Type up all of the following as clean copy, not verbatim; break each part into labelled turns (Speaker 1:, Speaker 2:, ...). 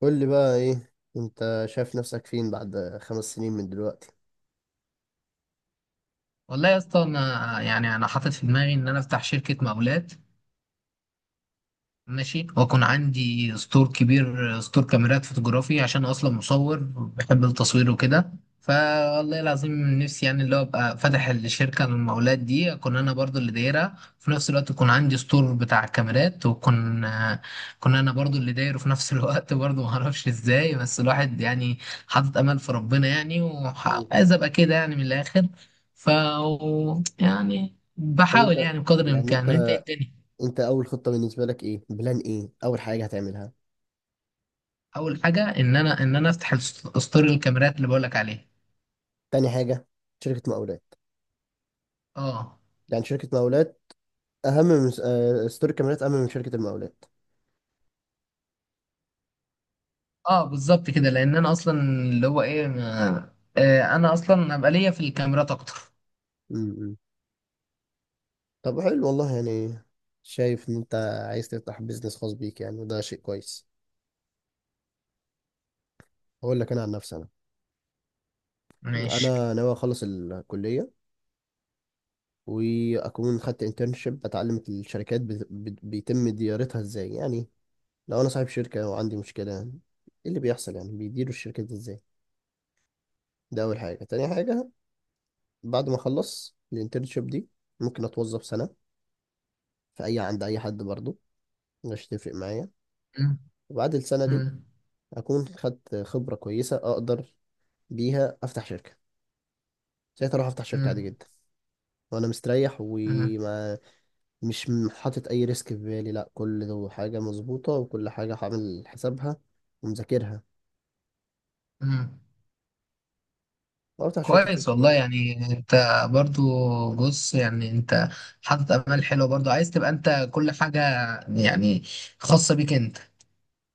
Speaker 1: قول لي بقى ايه انت شايف نفسك فين بعد 5 سنين من دلوقتي؟
Speaker 2: والله يا اسطى، انا يعني انا حاطط في دماغي ان انا افتح شركه مقاولات، ماشي، واكون عندي ستور كبير، ستور كاميرات فوتوغرافي عشان اصلا مصور، بحب التصوير وكده. فوالله العظيم نفسي يعني اللي هو ابقى فاتح الشركه للمقاولات دي اكون انا برضو اللي دايرها في نفس الوقت، يكون عندي ستور بتاع كاميرات واكون كنا انا برضو اللي دايره في نفس الوقت برضو ما اعرفش ازاي، بس الواحد يعني حاطط امل في ربنا يعني،
Speaker 1: مم.
Speaker 2: وعايز ابقى كده يعني من الاخر. ف يعني
Speaker 1: طب انت
Speaker 2: بحاول يعني بقدر
Speaker 1: يعني انت
Speaker 2: الامكان، انت إيه الدنيا.
Speaker 1: انت اول خطة بالنسبة لك ايه، بلان ايه اول حاجة هتعملها؟
Speaker 2: اول حاجه ان انا افتح ستور الكاميرات اللي بقولك عليه.
Speaker 1: تاني حاجة شركة مقاولات.
Speaker 2: اه،
Speaker 1: يعني شركة مقاولات اهم من ستور كاميرات، اهم من شركة المقاولات.
Speaker 2: اه، بالظبط كده، لان انا اصلا اللي هو ايه انا اصلا ابقى ليا في الكاميرات اكتر.
Speaker 1: امم. طب حلو والله يعني، شايف ان انت عايز تفتح بيزنس خاص بيك يعني، وده شيء كويس. هقول لك انا عن نفسي. انا
Speaker 2: ماشي.
Speaker 1: انا ناوي اخلص الكلية، واكون خدت انترنشيب بتعلم الشركات بيتم ديارتها ازاي. يعني لو انا صاحب شركة وعندي مشكلة، ايه اللي بيحصل يعني، بيديروا الشركة دي ازاي. ده اول حاجة. تاني حاجة، بعد ما اخلص الانترنشيب دي ممكن اتوظف سنة في اي، عند اي حد برضو، مش تفرق معايا.
Speaker 2: مم،
Speaker 1: وبعد السنة دي
Speaker 2: مم،
Speaker 1: اكون خدت خبرة كويسة اقدر بيها افتح شركة. ساعتها اروح افتح شركة عادي
Speaker 2: مم،
Speaker 1: جدا، وانا مستريح،
Speaker 2: مم،
Speaker 1: مش حاطط اي ريسك في بالي. لا، كل ده حاجه مظبوطه وكل حاجه هعمل حسابها ومذاكرها.
Speaker 2: مم.
Speaker 1: أو بتاع شركه
Speaker 2: كويس
Speaker 1: سوفت وير
Speaker 2: والله،
Speaker 1: بقى.
Speaker 2: يعني انت برضو، بص يعني انت حاطط امال حلوه برضو، عايز تبقى انت كل حاجه يعني خاصه بيك انت.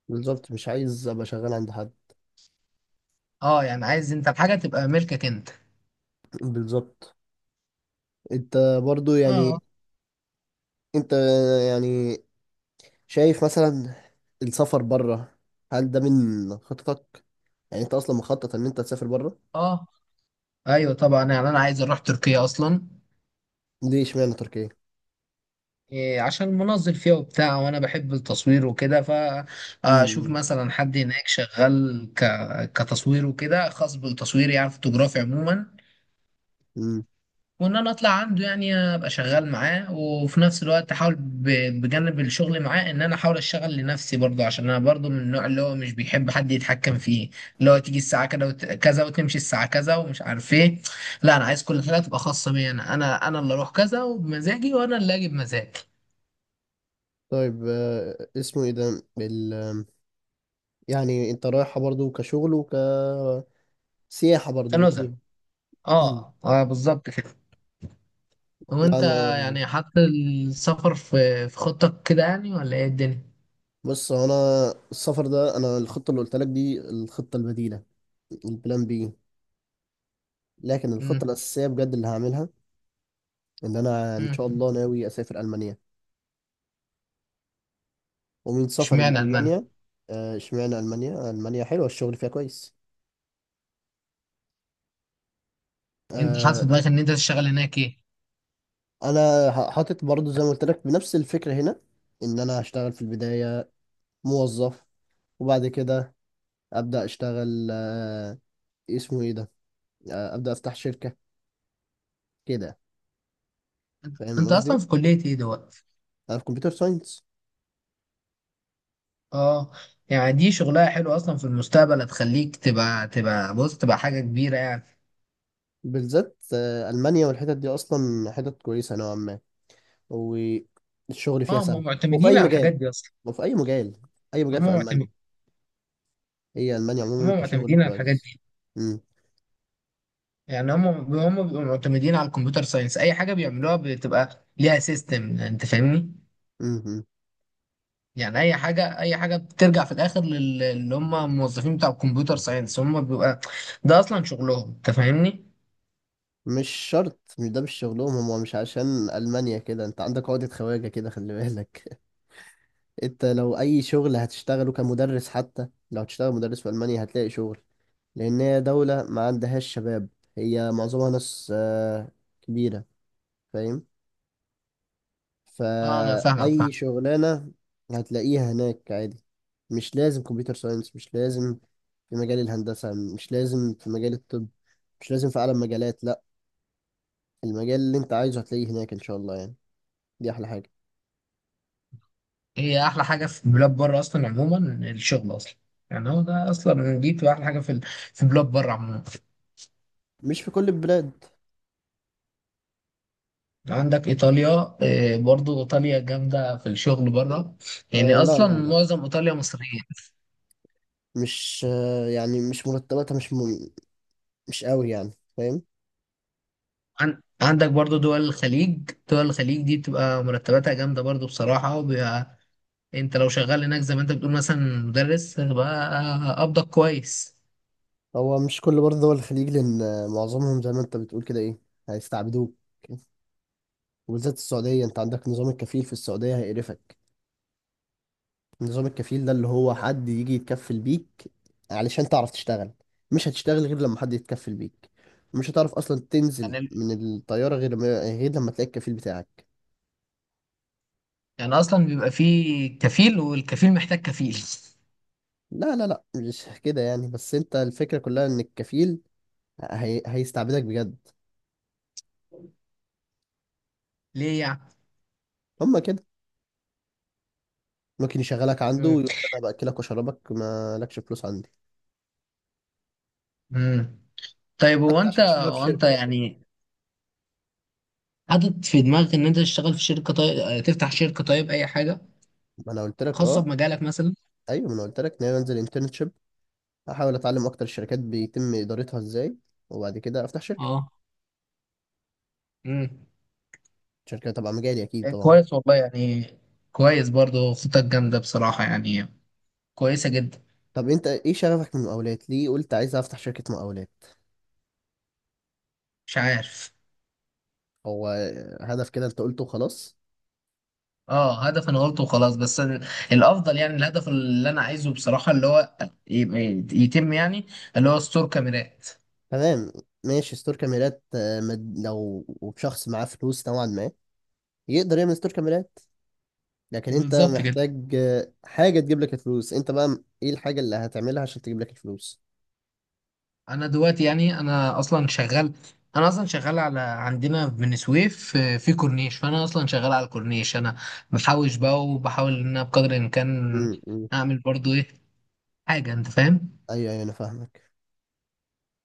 Speaker 1: بالظبط، مش عايز ابقى شغال عند حد.
Speaker 2: اه، يعني عايز انت الحاجه تبقى ملكك انت.
Speaker 1: بالظبط. انت برضو
Speaker 2: اه،
Speaker 1: يعني، انت يعني شايف مثلا السفر بره، هل ده من خططك؟ يعني انت اصلا مخطط ان انت تسافر بره؟
Speaker 2: اه، ايوه طبعا، يعني انا عايز اروح تركيا اصلا.
Speaker 1: ليه اشمعنى تركيا؟
Speaker 2: عشان منظم فيها وبتاع، وانا بحب التصوير وكده، فاشوف
Speaker 1: امم.
Speaker 2: مثلا حد هناك شغال كتصوير وكده، خاص بالتصوير يعني فوتوغرافي عموما.
Speaker 1: امم.
Speaker 2: وان انا اطلع عنده يعني ابقى شغال معاه، وفي نفس الوقت احاول بجانب الشغل معاه ان انا احاول اشتغل لنفسي برضه، عشان انا برضه من النوع اللي هو مش بيحب حد يتحكم فيه، اللي هو تيجي الساعه كده كذا وتمشي الساعه كذا ومش عارف ايه. لا، انا عايز كل حاجه تبقى خاصه بيا، انا اللي اروح كذا وبمزاجي، وانا اللي اجي بمزاجي.
Speaker 1: طيب اسمه ايه ده يعني انت رايحه برضو كشغل وكسياحه، برضو
Speaker 2: تنازل.
Speaker 1: الاثنين.
Speaker 2: اه، اه، بالظبط كده. وانت
Speaker 1: انا،
Speaker 2: يعني حاطط السفر في خطتك كده يعني، ولا ايه الدنيا؟
Speaker 1: بص هو انا. السفر ده، انا الخطه اللي قلت لك دي الخطه البديله، البلان بي. لكن الخطه
Speaker 2: امم،
Speaker 1: الاساسيه بجد اللي هعملها، ان انا ان شاء
Speaker 2: امم.
Speaker 1: الله ناوي اسافر المانيا. ومن سفري
Speaker 2: اشمعنى المانيا؟
Speaker 1: لالمانيا، اشمعنى المانيا؟ المانيا حلوه، الشغل فيها كويس.
Speaker 2: انت حاطط
Speaker 1: آه،
Speaker 2: في دماغك ان انت تشتغل هناك ايه؟
Speaker 1: انا حاطط برضو زي ما قلت لك بنفس الفكره هنا، ان انا هشتغل في البدايه موظف، وبعد كده ابدا اشتغل. اسمه ايه ده، ابدا افتح شركه كده. فاهم
Speaker 2: انت اصلا
Speaker 1: قصدي؟
Speaker 2: في كلية ايه دلوقتي؟
Speaker 1: انا في كمبيوتر ساينس.
Speaker 2: اه، يعني دي شغلها حلو اصلا، في المستقبل هتخليك تبقى تبقى بص تبقى حاجة كبيرة يعني.
Speaker 1: بالذات ألمانيا والحتت دي أصلا حتت كويسة نوعا ما، والشغل فيها
Speaker 2: اه، هم
Speaker 1: سهل. وفي
Speaker 2: معتمدين
Speaker 1: أي
Speaker 2: على الحاجات
Speaker 1: مجال.
Speaker 2: دي اصلا.
Speaker 1: وفي أي مجال أي مجال
Speaker 2: هم
Speaker 1: في
Speaker 2: معتمدين
Speaker 1: ألمانيا. هي ألمانيا
Speaker 2: هم
Speaker 1: عموما كشغل
Speaker 2: معتمدين على الحاجات
Speaker 1: كويس.
Speaker 2: دي.
Speaker 1: مم.
Speaker 2: يعني هم بيبقوا معتمدين على الكمبيوتر ساينس، اي حاجة بيعملوها بتبقى ليها سيستم، انت فاهمني.
Speaker 1: مم. مم.
Speaker 2: يعني اي حاجه بترجع في الاخر اللي هم الموظفين بتاع الكمبيوتر ساينس، هم بيبقى ده اصلا شغلهم، انت فاهمني.
Speaker 1: مش شرط. مش ده مش شغلهم هم. مش عشان ألمانيا كده أنت عندك عقدة خواجة كده، خلي بالك. أنت لو أي شغل هتشتغله كمدرس، حتى لو هتشتغل مدرس في ألمانيا هتلاقي شغل. لأن هي دولة ما عندهاش شباب، هي معظمها ناس كبيرة. فاهم؟
Speaker 2: اه، انا فاهمك، فاهم.
Speaker 1: فأي شغلانة هتلاقيها هناك عادي. مش لازم كمبيوتر ساينس، مش لازم في مجال الهندسة، مش لازم في مجال الطب، مش لازم في أعلى مجالات. لأ، المجال اللي أنت عايزه هتلاقيه هناك إن شاء الله يعني. دي أحلى حاجة.
Speaker 2: هي احلى حاجه في بلاد بره اصلا عموما الشغل اصلا. يعني هو ده اصلا، دي بتبقى احلى حاجه في بلاد بره عموما.
Speaker 1: مش في كل البلاد.
Speaker 2: عندك ايطاليا، برضو ايطاليا جامده في الشغل بره، يعني
Speaker 1: آه لا
Speaker 2: اصلا
Speaker 1: لا لا،
Speaker 2: معظم ايطاليا مصريين.
Speaker 1: مش يعني مش مرتباتها، مش قوي يعني. فاهم؟
Speaker 2: عندك برضو دول الخليج دي بتبقى مرتباتها جامده برضو بصراحه، وبيبقى انت لو شغال هناك زي ما انت بتقول مثلا مدرس، هتبقى قبضك كويس.
Speaker 1: هو مش كل برضه دول الخليج، لأن معظمهم زي ما أنت بتقول كده، إيه، هيستعبدوك. وبالذات السعودية، أنت عندك نظام الكفيل في السعودية هيقرفك. نظام الكفيل ده اللي هو حد يجي يتكفل بيك علشان تعرف تشتغل. مش هتشتغل غير لما حد يتكفل بيك. مش هتعرف اصلا تنزل
Speaker 2: يعني
Speaker 1: من الطياره غير ما، غير لما تلاقي الكفيل بتاعك.
Speaker 2: يعني اصلا بيبقى فيه كفيل، والكفيل محتاج كفيل.
Speaker 1: لا لا لا مش كده يعني، بس انت الفكره كلها ان الكفيل هيستعبدك بجد.
Speaker 2: ليه يعني؟
Speaker 1: هما كده، ممكن يشغلك عنده
Speaker 2: مم.
Speaker 1: ويقول لك انا باكلك واشربك ما لكش فلوس عندي.
Speaker 2: مم. طيب هو
Speaker 1: حتى
Speaker 2: انت
Speaker 1: عشان تشتغل في
Speaker 2: هو انت
Speaker 1: شركه برضه،
Speaker 2: يعني حاطط في دماغك ان انت تشتغل في شركه، طيب تفتح شركه، طيب اي حاجه
Speaker 1: ما انا قلت لك
Speaker 2: خاصه
Speaker 1: اه.
Speaker 2: بمجالك مثلا.
Speaker 1: ايوه، ما انا قلت لك ان انا انزل انترنشيب، احاول اتعلم اكتر الشركات بيتم ادارتها ازاي، وبعد كده افتح شركه،
Speaker 2: اه. امم.
Speaker 1: شركة تبع مجالي أكيد طبعا.
Speaker 2: كويس والله يعني، كويس برضو، خطتك جامده بصراحه يعني، كويسه جدا.
Speaker 1: طب أنت إيه شغفك من المقاولات؟ ليه قلت عايز أفتح شركة مقاولات؟
Speaker 2: مش عارف.
Speaker 1: هو هدف كده أنت قلته خلاص.
Speaker 2: اه، هدف انا قلته وخلاص، بس الافضل يعني، الهدف اللي انا عايزه بصراحه اللي هو يتم يعني، اللي هو ستور كاميرات.
Speaker 1: تمام، ماشي ستور كاميرات. لو شخص معاه فلوس نوعا ما يقدر يعمل ستور كاميرات، لكن أنت
Speaker 2: بالظبط كده.
Speaker 1: محتاج حاجة تجيب لك الفلوس أنت بقى. إيه الحاجة اللي هتعملها عشان تجيب لك الفلوس؟
Speaker 2: انا دلوقتي يعني انا اصلا شغال على عندنا في بني سويف، في كورنيش، فانا اصلا شغال على الكورنيش انا، بحوش بقى وبحاول ان انا بقدر الامكان
Speaker 1: امم.
Speaker 2: اعمل برضو ايه، حاجه، انت فاهم.
Speaker 1: أيوه أيوه أنا فاهمك.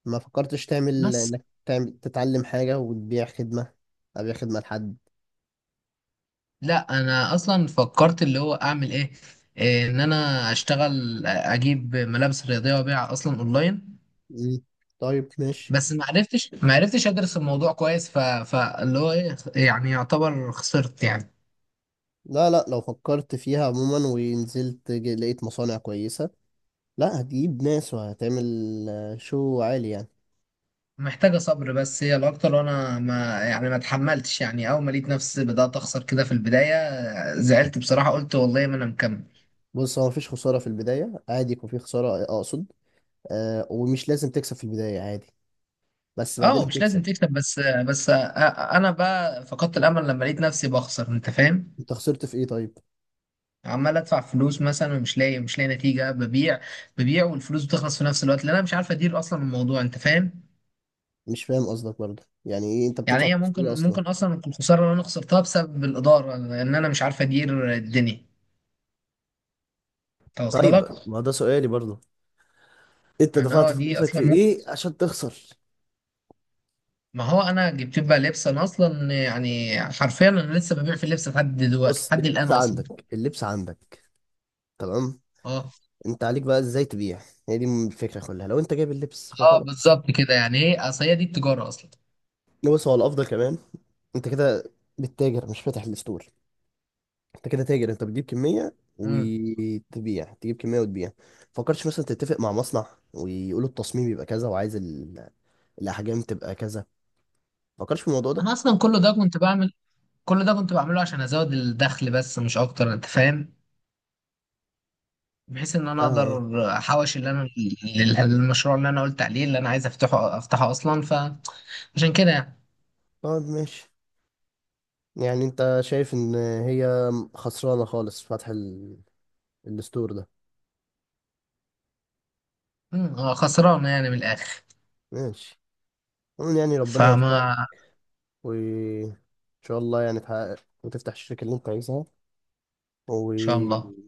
Speaker 1: ما فكرتش تعمل،
Speaker 2: بس
Speaker 1: إنك تعمل تتعلم حاجة وتبيع خدمة، أبيع خدمة لحد.
Speaker 2: لا، انا اصلا فكرت اللي هو اعمل ايه، ان انا اشتغل اجيب ملابس رياضيه وابيعها اصلا اونلاين.
Speaker 1: مم. طيب ماشي.
Speaker 2: بس ما عرفتش ادرس الموضوع كويس، فاللي هو ايه يعني، يعتبر خسرت يعني.
Speaker 1: لا لا، لو فكرت فيها عموما ونزلت لقيت مصانع كويسة، لا هتجيب ناس وهتعمل شو عالي يعني.
Speaker 2: محتاجه صبر بس هي الاكتر، وانا ما اتحملتش يعني، اول ما لقيت نفسي بدات اخسر كده في البدايه زعلت بصراحه، قلت والله ما انا مكمل.
Speaker 1: بص هو مفيش خسارة في البداية، عادي يكون في خسارة أقصد. آه، ومش لازم تكسب في البداية عادي، بس بعدين
Speaker 2: اه، مش لازم
Speaker 1: هتكسب.
Speaker 2: تكسب، بس انا بقى فقدت الامل لما لقيت نفسي بخسر، انت فاهم.
Speaker 1: أنت خسرت في إيه طيب؟
Speaker 2: عمال ادفع فلوس مثلا، ومش لاقي، مش لاقي نتيجه، ببيع ببيع والفلوس بتخلص في نفس الوقت، لان انا مش عارف ادير اصلا الموضوع، انت فاهم.
Speaker 1: مش فاهم قصدك برضه. يعني إيه أنت
Speaker 2: يعني
Speaker 1: بتدفع
Speaker 2: هي
Speaker 1: فلوس في إيه
Speaker 2: ممكن
Speaker 1: أصلا؟
Speaker 2: ممكن اصلا تكون الخساره اللي انا خسرتها بسبب الاداره، ان انا مش عارف ادير الدنيا توصل
Speaker 1: طيب
Speaker 2: لك.
Speaker 1: ما ده سؤالي برضه، انت
Speaker 2: يعني
Speaker 1: دفعت
Speaker 2: هو دي
Speaker 1: فلوسك في
Speaker 2: اصلا ممكن.
Speaker 1: ايه عشان تخسر؟
Speaker 2: ما هو انا جبت بقى لبس، انا اصلا يعني حرفيا انا لسه ببيع في اللبس لحد دلوقتي،
Speaker 1: بص،
Speaker 2: لحد الان
Speaker 1: اللبس
Speaker 2: اصلا.
Speaker 1: عندك، اللبس عندك، تمام.
Speaker 2: اه،
Speaker 1: أنت عليك بقى إزاي تبيع. هي دي الفكرة كلها، لو أنت جايب اللبس
Speaker 2: اه،
Speaker 1: فخلاص.
Speaker 2: بالظبط كده يعني. ايه، اصل هي دي التجاره اصلا.
Speaker 1: بص هو الافضل كمان، انت كده بتتاجر مش فاتح الستور. انت كده تاجر، انت بتجيب كميه
Speaker 2: مم.
Speaker 1: وتبيع، تجيب كميه وتبيع. فكرتش مثلا تتفق مع مصنع ويقولوا التصميم يبقى كذا، وعايز ال... الاحجام تبقى كذا؟ فكرتش في الموضوع ده؟
Speaker 2: انا اصلا كل ده كنت بعمله عشان ازود الدخل بس، مش اكتر، انت فاهم، بحيث ان انا
Speaker 1: اه، آه.
Speaker 2: اقدر احوش اللي انا، المشروع اللي انا قلت عليه، اللي انا عايز افتحه اصلا، فعشان كده يعني.
Speaker 1: طيب ماشي. يعني انت شايف ان هي خسرانه خالص فتح الستور ده؟
Speaker 2: مم، خسرانه يعني من الاخر.
Speaker 1: ماشي، عموما يعني ربنا يوفقك،
Speaker 2: فما
Speaker 1: وان شاء الله يعني تحقق وتفتح الشركه اللي انت عايزها،
Speaker 2: ان شاء الله،
Speaker 1: وتوفيق.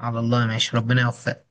Speaker 2: على الله، ماشي، ربنا يوفقك.